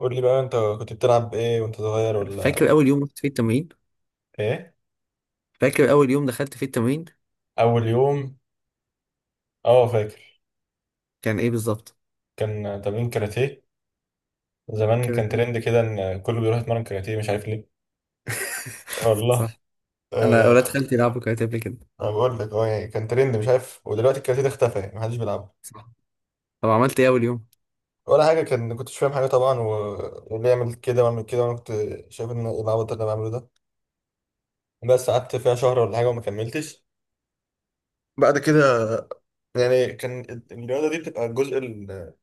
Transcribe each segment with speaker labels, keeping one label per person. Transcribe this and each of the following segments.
Speaker 1: قول لي بقى انت كنت بتلعب ايه وانت صغير
Speaker 2: فاكر
Speaker 1: ولا؟
Speaker 2: اول يوم رحت فيه التمرين؟
Speaker 1: ايه؟
Speaker 2: فاكر اول يوم دخلت فيه التمرين؟
Speaker 1: اول يوم. اه، فاكر.
Speaker 2: كان ايه بالظبط؟
Speaker 1: كان تمرين كاراتيه. زمان كان
Speaker 2: كانت ايه؟
Speaker 1: ترند كده، ان كله بيروح يتمرن كاراتيه مش عارف ليه. والله
Speaker 2: صح. انا اولاد
Speaker 1: آه.
Speaker 2: خالتي لعبوا كاراتيه قبل كده.
Speaker 1: انا بقول لك، اه يعني كان ترند مش عارف، ودلوقتي الكاراتيه ده اختفى يعني محدش بيلعبه.
Speaker 2: صح. طب عملت ايه اول يوم؟
Speaker 1: ولا حاجه، كان كنتش فاهم حاجه طبعا واللي يعمل كده واعمل كده، وانا كنت شايف ان ايه العبط اللي انا بعمله ده. بس قعدت فيها شهر ولا حاجه وما كملتش بعد كده. يعني كان الرياضه دي بتبقى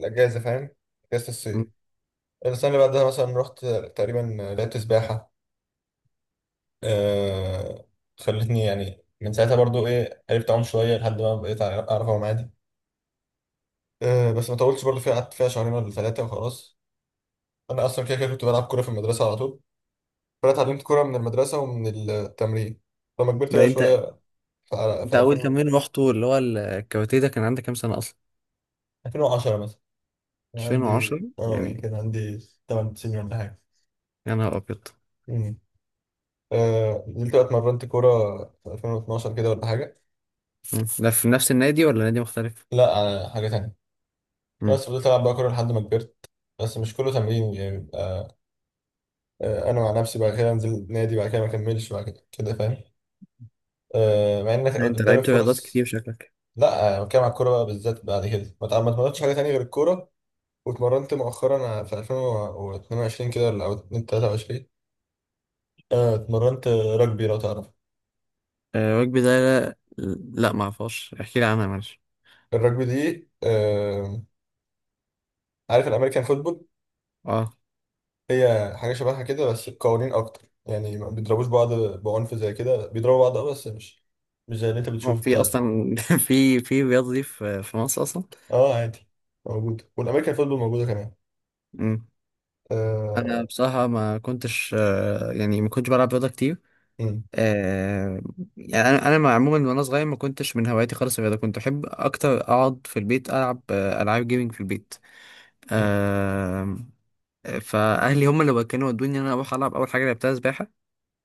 Speaker 1: الاجازه، فاهم؟ اجازه الصيف.
Speaker 2: مم.
Speaker 1: السنة اللي بعدها مثلا رحت تقريبا، لعبت سباحة. آه، خلتني يعني من ساعتها برضو ايه، عرفت اعوم شوية لحد ما بقيت أعرف اعوم عادي. آه بس ما طولتش برضو فيها، قعدت فيها شهرين ولا ثلاثة وخلاص. أنا أصلا كده كده كنت بلعب كورة في المدرسة على طول، فأنا اتعلمت كورة من المدرسة ومن التمرين. فلما كبرت
Speaker 2: ده
Speaker 1: بقى شوية،
Speaker 2: انت
Speaker 1: في
Speaker 2: انت
Speaker 1: في
Speaker 2: اول
Speaker 1: 2000،
Speaker 2: تمرين رحته اللي هو الكاراتيه ده كان عندك كام سنه اصلا؟
Speaker 1: 2010 مثلا، كان عندي
Speaker 2: 2010
Speaker 1: اه
Speaker 2: يعني؟
Speaker 1: يعني كان عندي 8 سنين ولا حاجة.
Speaker 2: يا نهار ابيض.
Speaker 1: مم. آه، نزلت بقى اتمرنت كورة في 2012 كده ولا حاجة.
Speaker 2: مم. ده في نفس النادي ولا نادي مختلف؟
Speaker 1: لا آه، حاجة تانية.
Speaker 2: مم.
Speaker 1: بس فضلت العب بقى كوره لحد ما كبرت، بس مش كله تمرين يعني بيبقى. آه، انا مع نفسي بعد كده انزل نادي، بعد كده ما اكملش بعد كده كده، فاهم؟ آه، مع ان
Speaker 2: انت
Speaker 1: قدامي
Speaker 2: لعبت رياضات
Speaker 1: فرص.
Speaker 2: كتير شكلك.
Speaker 1: لا آه، انا بتكلم على الكوره بقى بالذات، بعد كده ما اتمرنتش حاجه تانية غير الكوره. واتمرنت مؤخرا في 2022 كده ولا 2023. آه، اتمرنت رجبي لو تعرف.
Speaker 2: وجبي ده، لا، لا ما اعرفهاش، احكي لي عنها معلش.
Speaker 1: الرجبي دي آه، عارف الامريكان فوتبول؟
Speaker 2: اه
Speaker 1: هي حاجة شبهها كده، بس قوانين أكتر يعني، ما بيضربوش بعض بعنف زي كده، بيضربوا بعض أه بس مش مش زي اللي أنت
Speaker 2: هو
Speaker 1: بتشوفه
Speaker 2: في
Speaker 1: بتاع ده.
Speaker 2: اصلا في في رياضه دي في مصر اصلا؟
Speaker 1: أه عادي، موجود، والأمريكان فوتبول موجودة كمان.
Speaker 2: مم. انا
Speaker 1: آه.
Speaker 2: بصراحه ما كنتش، يعني ما كنتش بلعب رياضه كتير.
Speaker 1: مم.
Speaker 2: آه، يعني انا عموما وانا صغير ما كنتش من هواياتي خالص الرياضه، كنت احب اكتر اقعد في البيت، العب العاب جيمنج في البيت.
Speaker 1: مم.
Speaker 2: آه، فاهلي هم اللي كانوا ودوني ان انا اروح العب. اول حاجه لعبتها سباحه،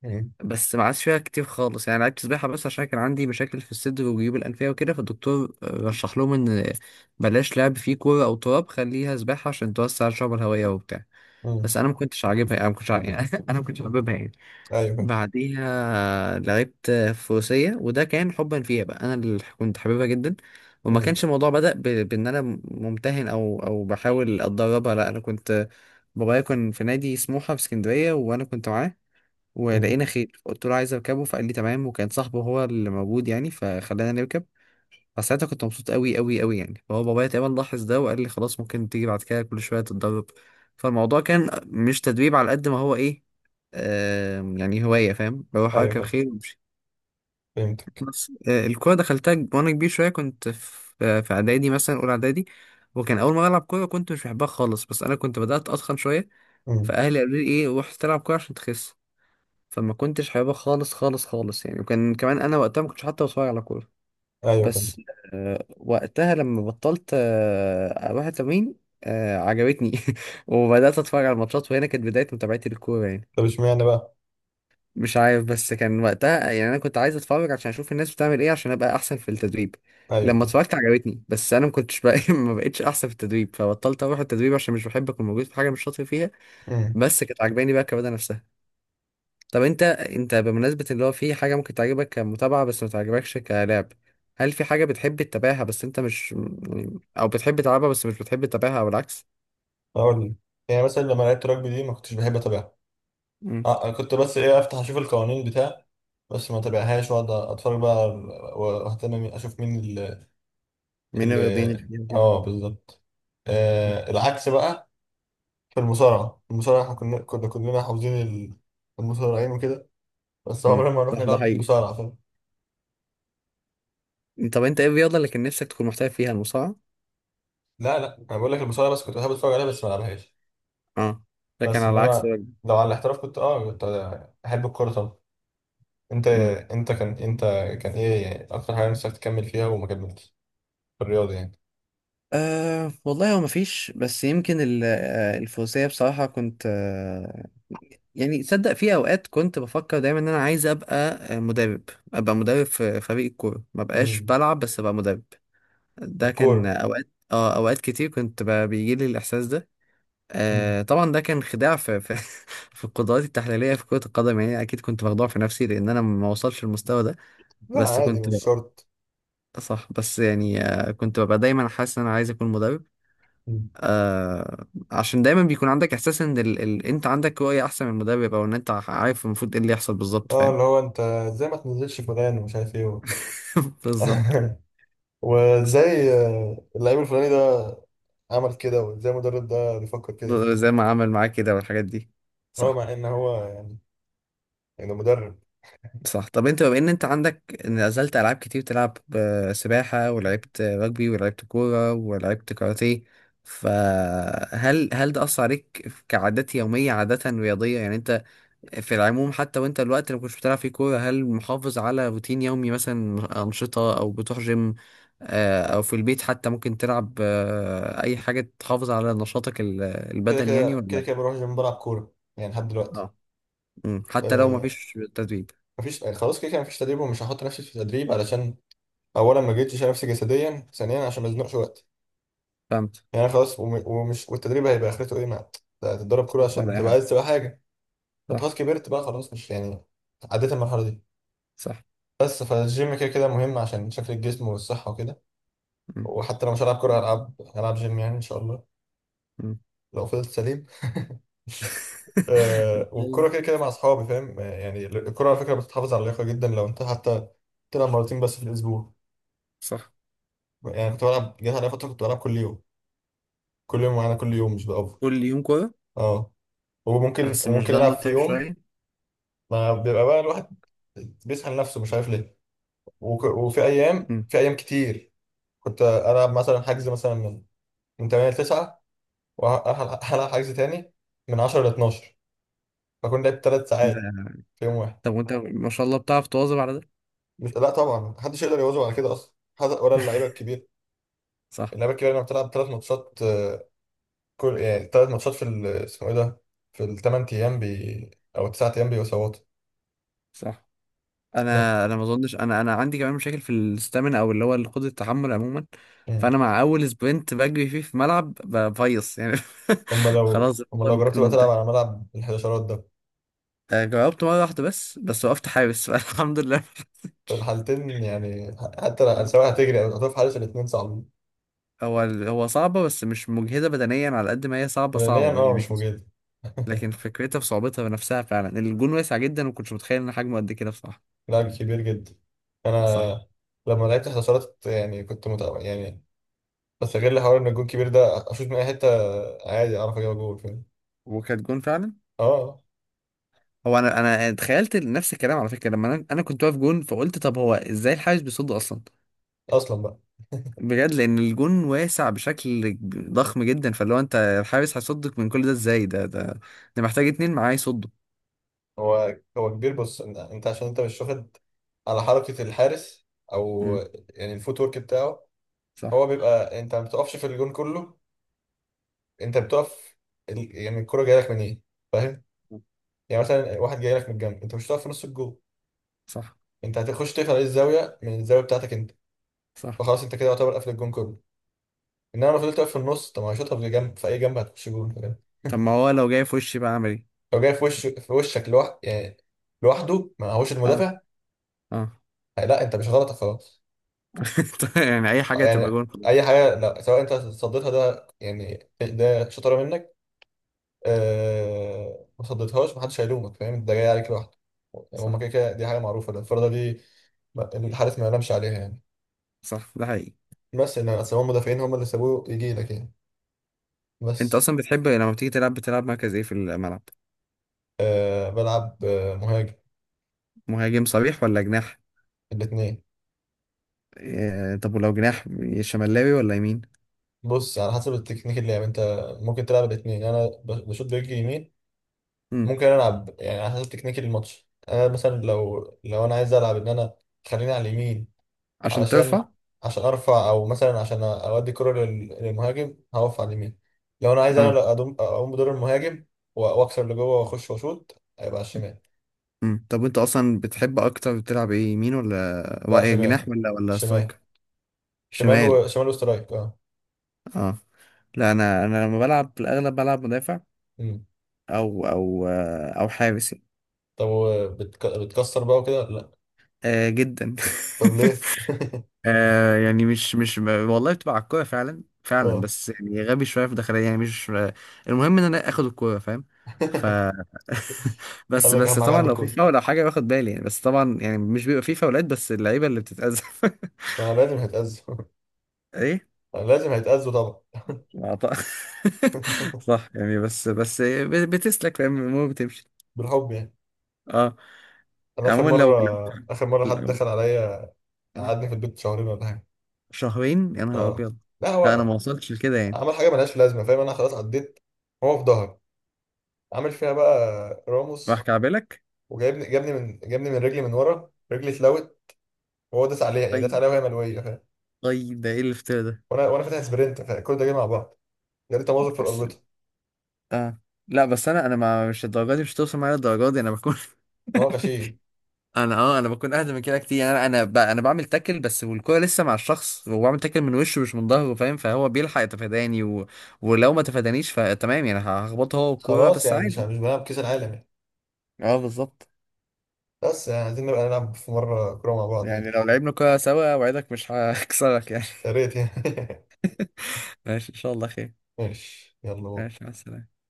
Speaker 1: مم.
Speaker 2: بس ما عادش فيها كتير خالص، يعني لعبت سباحه بس عشان كان عندي مشاكل في الصدر وجيوب الانفيه وكده، فالدكتور رشح لهم ان بلاش لعب فيه كوره او تراب، خليها سباحه عشان توسع الشعب الهوائيه وبتاع.
Speaker 1: مم.
Speaker 2: بس انا ما كنتش عاجبها، يعني، انا ما كنتش. انا ما كنتش حاببها يعني.
Speaker 1: أيوه فهمت.
Speaker 2: بعديها لعبت فروسية، وده كان حبا فيها بقى، انا اللي كنت حاببها جدا. وما
Speaker 1: مم.
Speaker 2: كانش الموضوع بدأ بان انا ممتهن او بحاول اتدربها، لا انا كنت، بابايا كان في نادي سموحة في اسكندرية وانا كنت معاه،
Speaker 1: مم.
Speaker 2: ولقينا خيل، قلت له عايز اركبه، فقال لي تمام، وكان صاحبه هو اللي موجود يعني، فخلانا نركب. فساعتها كنت مبسوط قوي قوي قوي يعني، فهو بابايا تقريبا لاحظ ده وقال لي خلاص ممكن تيجي بعد كده كل شويه تتدرب. فالموضوع كان مش تدريب على قد ما هو ايه، يعني هوايه، فاهم، بروح
Speaker 1: أيوه
Speaker 2: اركب
Speaker 1: فهمت.
Speaker 2: خيل وامشي.
Speaker 1: فهمتك.
Speaker 2: بس، الكوره دخلتها وانا كبير شويه، كنت في اعدادي، مثلا اولى اعدادي، وكان اول مره العب كوره كنت مش بحبها خالص، بس انا كنت بدات اتخن شويه،
Speaker 1: مم.
Speaker 2: فاهلي قالوا لي ايه، روح تلعب كوره عشان تخس، فما كنتش حاببها خالص خالص خالص يعني، وكان كمان انا وقتها ما كنتش حتى بتفرج على كوره.
Speaker 1: أيوه فهمت.
Speaker 2: بس وقتها لما بطلت اروح التمرين، عجبتني. وبدات اتفرج على الماتشات، وهنا كانت بدايه متابعتي للكوره يعني.
Speaker 1: طب اشمعنى بقى؟
Speaker 2: مش عارف، بس كان وقتها يعني انا كنت عايز اتفرج عشان اشوف الناس بتعمل ايه عشان ابقى احسن في التدريب.
Speaker 1: أيوه
Speaker 2: لما
Speaker 1: فهمت.
Speaker 2: اتفرجت عجبتني، بس انا ما كنتش بقى ما بقتش احسن في التدريب، فبطلت اروح التدريب عشان مش بحب اكون موجود في حاجه مش شاطر فيها.
Speaker 1: مم.
Speaker 2: بس كانت عجباني بقى الرياضه نفسها. طب انت بمناسبة اللي هو، في حاجة ممكن تعجبك كمتابعة بس ما تعجبكش كلعب، هل في حاجة بتحب تتابعها بس انت مش او بتحب تلعبها بس مش بتحب تتابعها، او العكس؟
Speaker 1: أقول لك، يعني مثلا لما لعبت رugby دي ما كنتش بحب أتابعها.
Speaker 2: مم.
Speaker 1: أه آه، كنت بس إيه، أفتح أشوف القوانين بتاع، بس ما تابعهاش واقعد اتفرج بقى، واهتم اشوف مين
Speaker 2: من الرياضيين اللي
Speaker 1: ال-
Speaker 2: فيهم كده؟
Speaker 1: اه بالظبط.
Speaker 2: مم.
Speaker 1: آه العكس بقى. في المصارعة، المصارعة احنا كنا كلنا حافظين المصارعين وكده، بس
Speaker 2: مم.
Speaker 1: عمرنا ما نروح
Speaker 2: صح، ده
Speaker 1: نلعب
Speaker 2: حقيقي.
Speaker 1: مصارعة، فاهم؟
Speaker 2: طب انت ايه الرياضة اللي كان نفسك تكون محترف فيها؟ المصارعة؟
Speaker 1: لا انا بقول لك المصارعة بس كنت بحب اتفرج عليها بس ما العبهاش.
Speaker 2: اه. لكن
Speaker 1: بس
Speaker 2: على العكس.
Speaker 1: انما لو على الاحتراف كنت اه كنت احب الكورة طبعا. انت
Speaker 2: مم.
Speaker 1: انت كان انت، كان ايه يعني اكتر حاجة نفسك تكمل فيها وما كملتش في الرياضة يعني؟
Speaker 2: أه والله هو مفيش، بس يمكن الفروسية بصراحة كنت، يعني تصدق في اوقات كنت بفكر دايما ان انا عايز ابقى مدرب. ابقى مدرب في فريق الكوره، ما بقاش
Speaker 1: امم.
Speaker 2: بلعب بس ابقى مدرب. ده كان
Speaker 1: الكورة.
Speaker 2: اوقات، اوقات كتير كنت بيجي لي الاحساس ده.
Speaker 1: امم،
Speaker 2: آه طبعا ده كان خداع في في القدرات التحليليه في كره القدم يعني، اكيد كنت مخدوع في نفسي لان انا ما وصلش للمستوى ده،
Speaker 1: لا
Speaker 2: بس
Speaker 1: عادي
Speaker 2: كنت
Speaker 1: مش
Speaker 2: ببقى.
Speaker 1: شرط.
Speaker 2: صح، بس يعني كنت ببقى دايما حاسس ان انا عايز اكون مدرب.
Speaker 1: مم.
Speaker 2: عشان دايما بيكون عندك احساس ان انت عندك رؤية احسن من المدرب، او ان انت عارف المفروض ايه اللي يحصل بالظبط،
Speaker 1: اه
Speaker 2: فاهم.
Speaker 1: اللي هو انت ازاي ما تنزلش فلان، ومش عارف ايه
Speaker 2: بالظبط،
Speaker 1: وازاي آه، اللعيب الفلاني ده عمل كده، وازاي المدرب ده بيفكر كده.
Speaker 2: زي ما عمل معاك كده والحاجات دي.
Speaker 1: هو
Speaker 2: صح.
Speaker 1: مع ان هو يعني، يعني مدرب.
Speaker 2: صح. طب انت، بما ان انت عندك نزلت العاب كتير تلعب، سباحة، ولعبت رجبي، ولعبت كورة، ولعبت كاراتيه، فهل ده اثر عليك كعادات يومية، عادة رياضية يعني، انت في العموم حتى، وانت الوقت اللي ما كنتش بتلعب فيه كورة، هل محافظ على روتين يومي مثلا، أنشطة، أو بتروح جيم، أو في البيت حتى ممكن تلعب أي حاجة تحافظ على نشاطك
Speaker 1: كده
Speaker 2: البدني يعني،
Speaker 1: كده كده
Speaker 2: ولا؟
Speaker 1: كده بروح الجيم بلعب كوره يعني لحد دلوقتي.
Speaker 2: اه. مم. حتى لو ما
Speaker 1: آه
Speaker 2: فيش تدريب؟
Speaker 1: مفيش، يعني خلاص كده كده مفيش تدريب، ومش هحط نفسي في تدريب، علشان اولا ما جيتش نفسي جسديا، ثانيا عشان ما ازنقش وقت.
Speaker 2: فهمت.
Speaker 1: يعني أنا خلاص، ومش، والتدريب هيبقى اخرته ايه؟ ما تتدرب كوره
Speaker 2: صح، ولا
Speaker 1: عشان
Speaker 2: أي
Speaker 1: تبقى
Speaker 2: حاجة.
Speaker 1: عايز تبقى حاجه. طب
Speaker 2: صح.
Speaker 1: خلاص كبرت بقى، خلاص مش يعني، عديت المرحله دي.
Speaker 2: صح.
Speaker 1: بس فالجيم كده كده مهم عشان شكل الجسم والصحه وكده،
Speaker 2: مم.
Speaker 1: وحتى لو مش هلعب كورة هلعب جيم يعني إن شاء الله،
Speaker 2: مم.
Speaker 1: لو فضلت سليم. آه،
Speaker 2: يلا.
Speaker 1: والكرة كده كده مع أصحابي، فاهم؟ آه، يعني الكرة على فكرة بتحافظ على اللياقة جدا، لو أنت حتى تلعب مرتين بس في الأسبوع.
Speaker 2: صح.
Speaker 1: يعني كنت بلعب، جت عليا فترة كنت بلعب كل يوم، كل يوم معانا كل يوم، مش بأوفر.
Speaker 2: كل يوم كورة؟
Speaker 1: أه، وممكن
Speaker 2: بس مش
Speaker 1: وممكن
Speaker 2: ده
Speaker 1: ألعب في
Speaker 2: متعب
Speaker 1: يوم،
Speaker 2: شوية؟
Speaker 1: ما بيبقى بقى الواحد بيسحل نفسه مش عارف ليه. وفي أيام،
Speaker 2: مم.
Speaker 1: في أيام كتير كنت ألعب مثلا حجز مثلا من 8 ل 9، وهلعب حجز تاني من 10 ل 12، بكون لعبت ثلاث
Speaker 2: ده.
Speaker 1: ساعات في يوم واحد.
Speaker 2: طب وانت ما شاء الله بتعرف تواظب على ده؟
Speaker 1: مش لا طبعا، محدش يقدر يواظب على كده اصلا، ولا اللعيبه الكبير.
Speaker 2: صح.
Speaker 1: اللعيبه الكبيره لما بتلعب ثلاث ماتشات آه، كل يعني ثلاث ماتشات في اسمه ايه ده، في الثمان ايام بي او التسع ايام، بيبقوا سواط.
Speaker 2: صح.
Speaker 1: ده-
Speaker 2: انا ما اظنش. انا عندي كمان مشاكل في الستامina، او اللي هو قدره التحمل عموما،
Speaker 1: مم.
Speaker 2: فانا مع اول سبرنت بجري فيه في ملعب بفيص يعني،
Speaker 1: هم لو
Speaker 2: خلاص
Speaker 1: هم
Speaker 2: الموضوع
Speaker 1: لو جربت
Speaker 2: بيكون
Speaker 1: بقى تلعب
Speaker 2: منتهي.
Speaker 1: على ملعب الحداشرات ده،
Speaker 2: جربت مره واحده بس، وقفت حارس فالحمد لله.
Speaker 1: في الحالتين يعني، حتى لو،
Speaker 2: آه.
Speaker 1: سواء هتجري او هتقف حارس، الاثنين صعب.
Speaker 2: هو صعبه، بس مش مجهده بدنيا على قد ما هي صعبه
Speaker 1: نعم
Speaker 2: صعبه
Speaker 1: اه
Speaker 2: يعني.
Speaker 1: مش موجود.
Speaker 2: لكن فكرتها في صعوبتها بنفسها، فعلا الجون واسع جدا، وما كنتش متخيل ان حجمه قد كده بصراحه.
Speaker 1: لاعب كبير جدا.
Speaker 2: صح.
Speaker 1: انا لما لعبت حداشرات يعني كنت متابع يعني، استغل حوار ان الجون كبير ده، اشوط من اي حته عادي اعرف اجيب جول، فاهم؟
Speaker 2: وكانت جون فعلا.
Speaker 1: اه
Speaker 2: هو انا تخيلت نفس الكلام على فكره، لما انا كنت واقف جون، فقلت طب هو ازاي الحارس بيصد اصلا،
Speaker 1: آه، اصلا بقى.
Speaker 2: بجد، لان الجون واسع بشكل ضخم جدا، فاللي هو انت الحارس هيصدك من كل ده ازاي، ده ده محتاج اتنين معاه يصدوا.
Speaker 1: هو كبير، بص انت عشان انت مش واخد على حركه الحارس او،
Speaker 2: امم
Speaker 1: يعني الفوت ورك بتاعه.
Speaker 2: صح.
Speaker 1: هو بيبقى انت ما بتقفش في الجون كله، انت بتقف يعني الكره جايه لك منين، فاهم؟ يعني مثلا واحد جاي لك من الجنب، انت مش هتقف في نص الجون،
Speaker 2: صح.
Speaker 1: انت هتخش تقفل عليه الزاويه، من الزاويه بتاعتك انت.
Speaker 2: صح.
Speaker 1: فخلاص انت كده يعتبر قافل الجون كله، انما لو فضلت واقف في النص، طب ما هيشوطها في جنب، في اي جنب هتخش جون، فاهم؟
Speaker 2: طب ما هو لو جاي في وشي بقى اعمل ايه؟
Speaker 1: لو جاي في وشك يعني لوحده، ما هوش
Speaker 2: اه.
Speaker 1: المدافع.
Speaker 2: اه.
Speaker 1: لا انت مش غلطك خلاص.
Speaker 2: طيب، يعني اي
Speaker 1: آه،
Speaker 2: حاجه تبقى
Speaker 1: يعني
Speaker 2: جون.
Speaker 1: اي حاجه، لا سواء انت صديتها، ده يعني ده شطاره منك. أه... ما صديتهاش محدش هيلومك، فاهم؟ ده جاي عليك لوحده، يعني هما
Speaker 2: صح.
Speaker 1: كده كده دي حاجه معروفه، ده الفرده دي الحارس ما ينامش عليها يعني.
Speaker 2: صح، ده حقيقي.
Speaker 1: بس ان اصل هما المدافعين هما اللي سابوه يجي لك يعني،
Speaker 2: انت
Speaker 1: بس.
Speaker 2: اصلا بتحب لما بتيجي تلعب، بتلعب مركز ايه في الملعب؟
Speaker 1: أه... بلعب آه، مهاجم.
Speaker 2: مهاجم صريح ولا جناح؟
Speaker 1: الاثنين.
Speaker 2: إيه؟ طب ولو جناح، شمالاوي ولا يمين؟
Speaker 1: بص على حسب التكنيك اللي يعني انت، ممكن تلعب الاثنين. انا بشوط برجلي يمين،
Speaker 2: مم.
Speaker 1: ممكن العب يعني على حسب تكنيكي الماتش. انا مثلا لو انا عايز العب ان انا خليني على اليمين،
Speaker 2: عشان ترفع.
Speaker 1: علشان، عشان ارفع، او مثلا عشان اودي كرة للمهاجم، هقف على اليمين. لو انا عايز انا،
Speaker 2: اه.
Speaker 1: لا اقوم بدور المهاجم، واكسر لجوه واخش واشوط، هيبقى على الشمال.
Speaker 2: مم. طب انت اصلا بتحب اكتر تلعب ايه، يمين ولا
Speaker 1: لا
Speaker 2: ولا
Speaker 1: شمال.
Speaker 2: جناح ولا
Speaker 1: شمال
Speaker 2: سترايكر؟
Speaker 1: شمال
Speaker 2: شمال.
Speaker 1: وشمال وسترايك اه.
Speaker 2: اه. لا انا لما بلعب في الاغلب بلعب مدافع
Speaker 1: امم
Speaker 2: او حارس يعني.
Speaker 1: طب بتكسر بقى وكده لا؟
Speaker 2: آه جدا.
Speaker 1: طب ليه؟
Speaker 2: آه يعني مش والله، بتبقى على الكوره فعلا فعلا،
Speaker 1: اه.
Speaker 2: بس يعني غبي شويه في داخليه يعني، مش، المهم ان انا اخد الكوره فاهم. ف بس
Speaker 1: قال لك
Speaker 2: بس
Speaker 1: اهم حاجه
Speaker 2: طبعا
Speaker 1: عندك
Speaker 2: لو في
Speaker 1: كله،
Speaker 2: فاول او حاجه باخد بالي يعني، بس طبعا يعني مش بيبقى في فاولات، بس اللعيبه اللي بتتأذى.
Speaker 1: ما لازم هيتأذوا.
Speaker 2: ايه.
Speaker 1: لازم هيتأذوا طبعا.
Speaker 2: ما ط- صح يعني. بس بتسلك، فاهم، المهم بتمشي.
Speaker 1: بالحب يعني.
Speaker 2: اه.
Speaker 1: انا اخر
Speaker 2: عموما
Speaker 1: مره،
Speaker 2: لو
Speaker 1: اخر مره
Speaker 2: لو
Speaker 1: حد
Speaker 2: لو-
Speaker 1: دخل عليا
Speaker 2: آه.
Speaker 1: قعدني في البيت شهرين ولا حاجه.
Speaker 2: شهرين يا نهار
Speaker 1: اه.
Speaker 2: ابيض.
Speaker 1: لا
Speaker 2: لا انا
Speaker 1: هو
Speaker 2: ما وصلتش لكده يعني.
Speaker 1: عمل حاجه ملهاش لازمه، فاهم؟ انا خلاص عديت. هو في ظهري عامل فيها بقى
Speaker 2: راح
Speaker 1: راموس،
Speaker 2: كعبلك؟
Speaker 1: وجايبني جابني من جابني من رجلي، من ورا رجلي اتلوت، وهو داس عليها يعني، داس
Speaker 2: طيب.
Speaker 1: عليها وهي ملويه، فاهم؟
Speaker 2: طيب ده ايه الافتراء ده؟
Speaker 1: وانا فاتح سبرنت، فكل ده جاي مع بعض، جالي تمازق في
Speaker 2: بس.
Speaker 1: الاربطه.
Speaker 2: اه لا بس انا، انا ما مش الدرجات دي، مش هتوصل معايا الدرجات دي، انا بكون
Speaker 1: وهو غشيم.
Speaker 2: انا بكون اهدى من كده كتير يعني. انا بعمل تاكل بس، والكوره لسه مع الشخص، وبعمل تاكل من وشه مش من ظهره فاهم، فهو بيلحق يتفاداني. ولو ما تفادانيش فتمام يعني، هخبطه هو الكوره
Speaker 1: خلاص
Speaker 2: بس،
Speaker 1: يعني مش مش
Speaker 2: عادي.
Speaker 1: بنلعب كاس العالم يعني،
Speaker 2: اه بالظبط.
Speaker 1: بس يعني عايزين نبقى نلعب في مره كوره مع بعض يعني.
Speaker 2: يعني لو لعبنا كوره سوا اوعدك مش هكسرك يعني.
Speaker 1: يا ريت يعني.
Speaker 2: ماشي ان شاء الله خير.
Speaker 1: ماشي يلا بقى.
Speaker 2: ماشي، مع السلامه.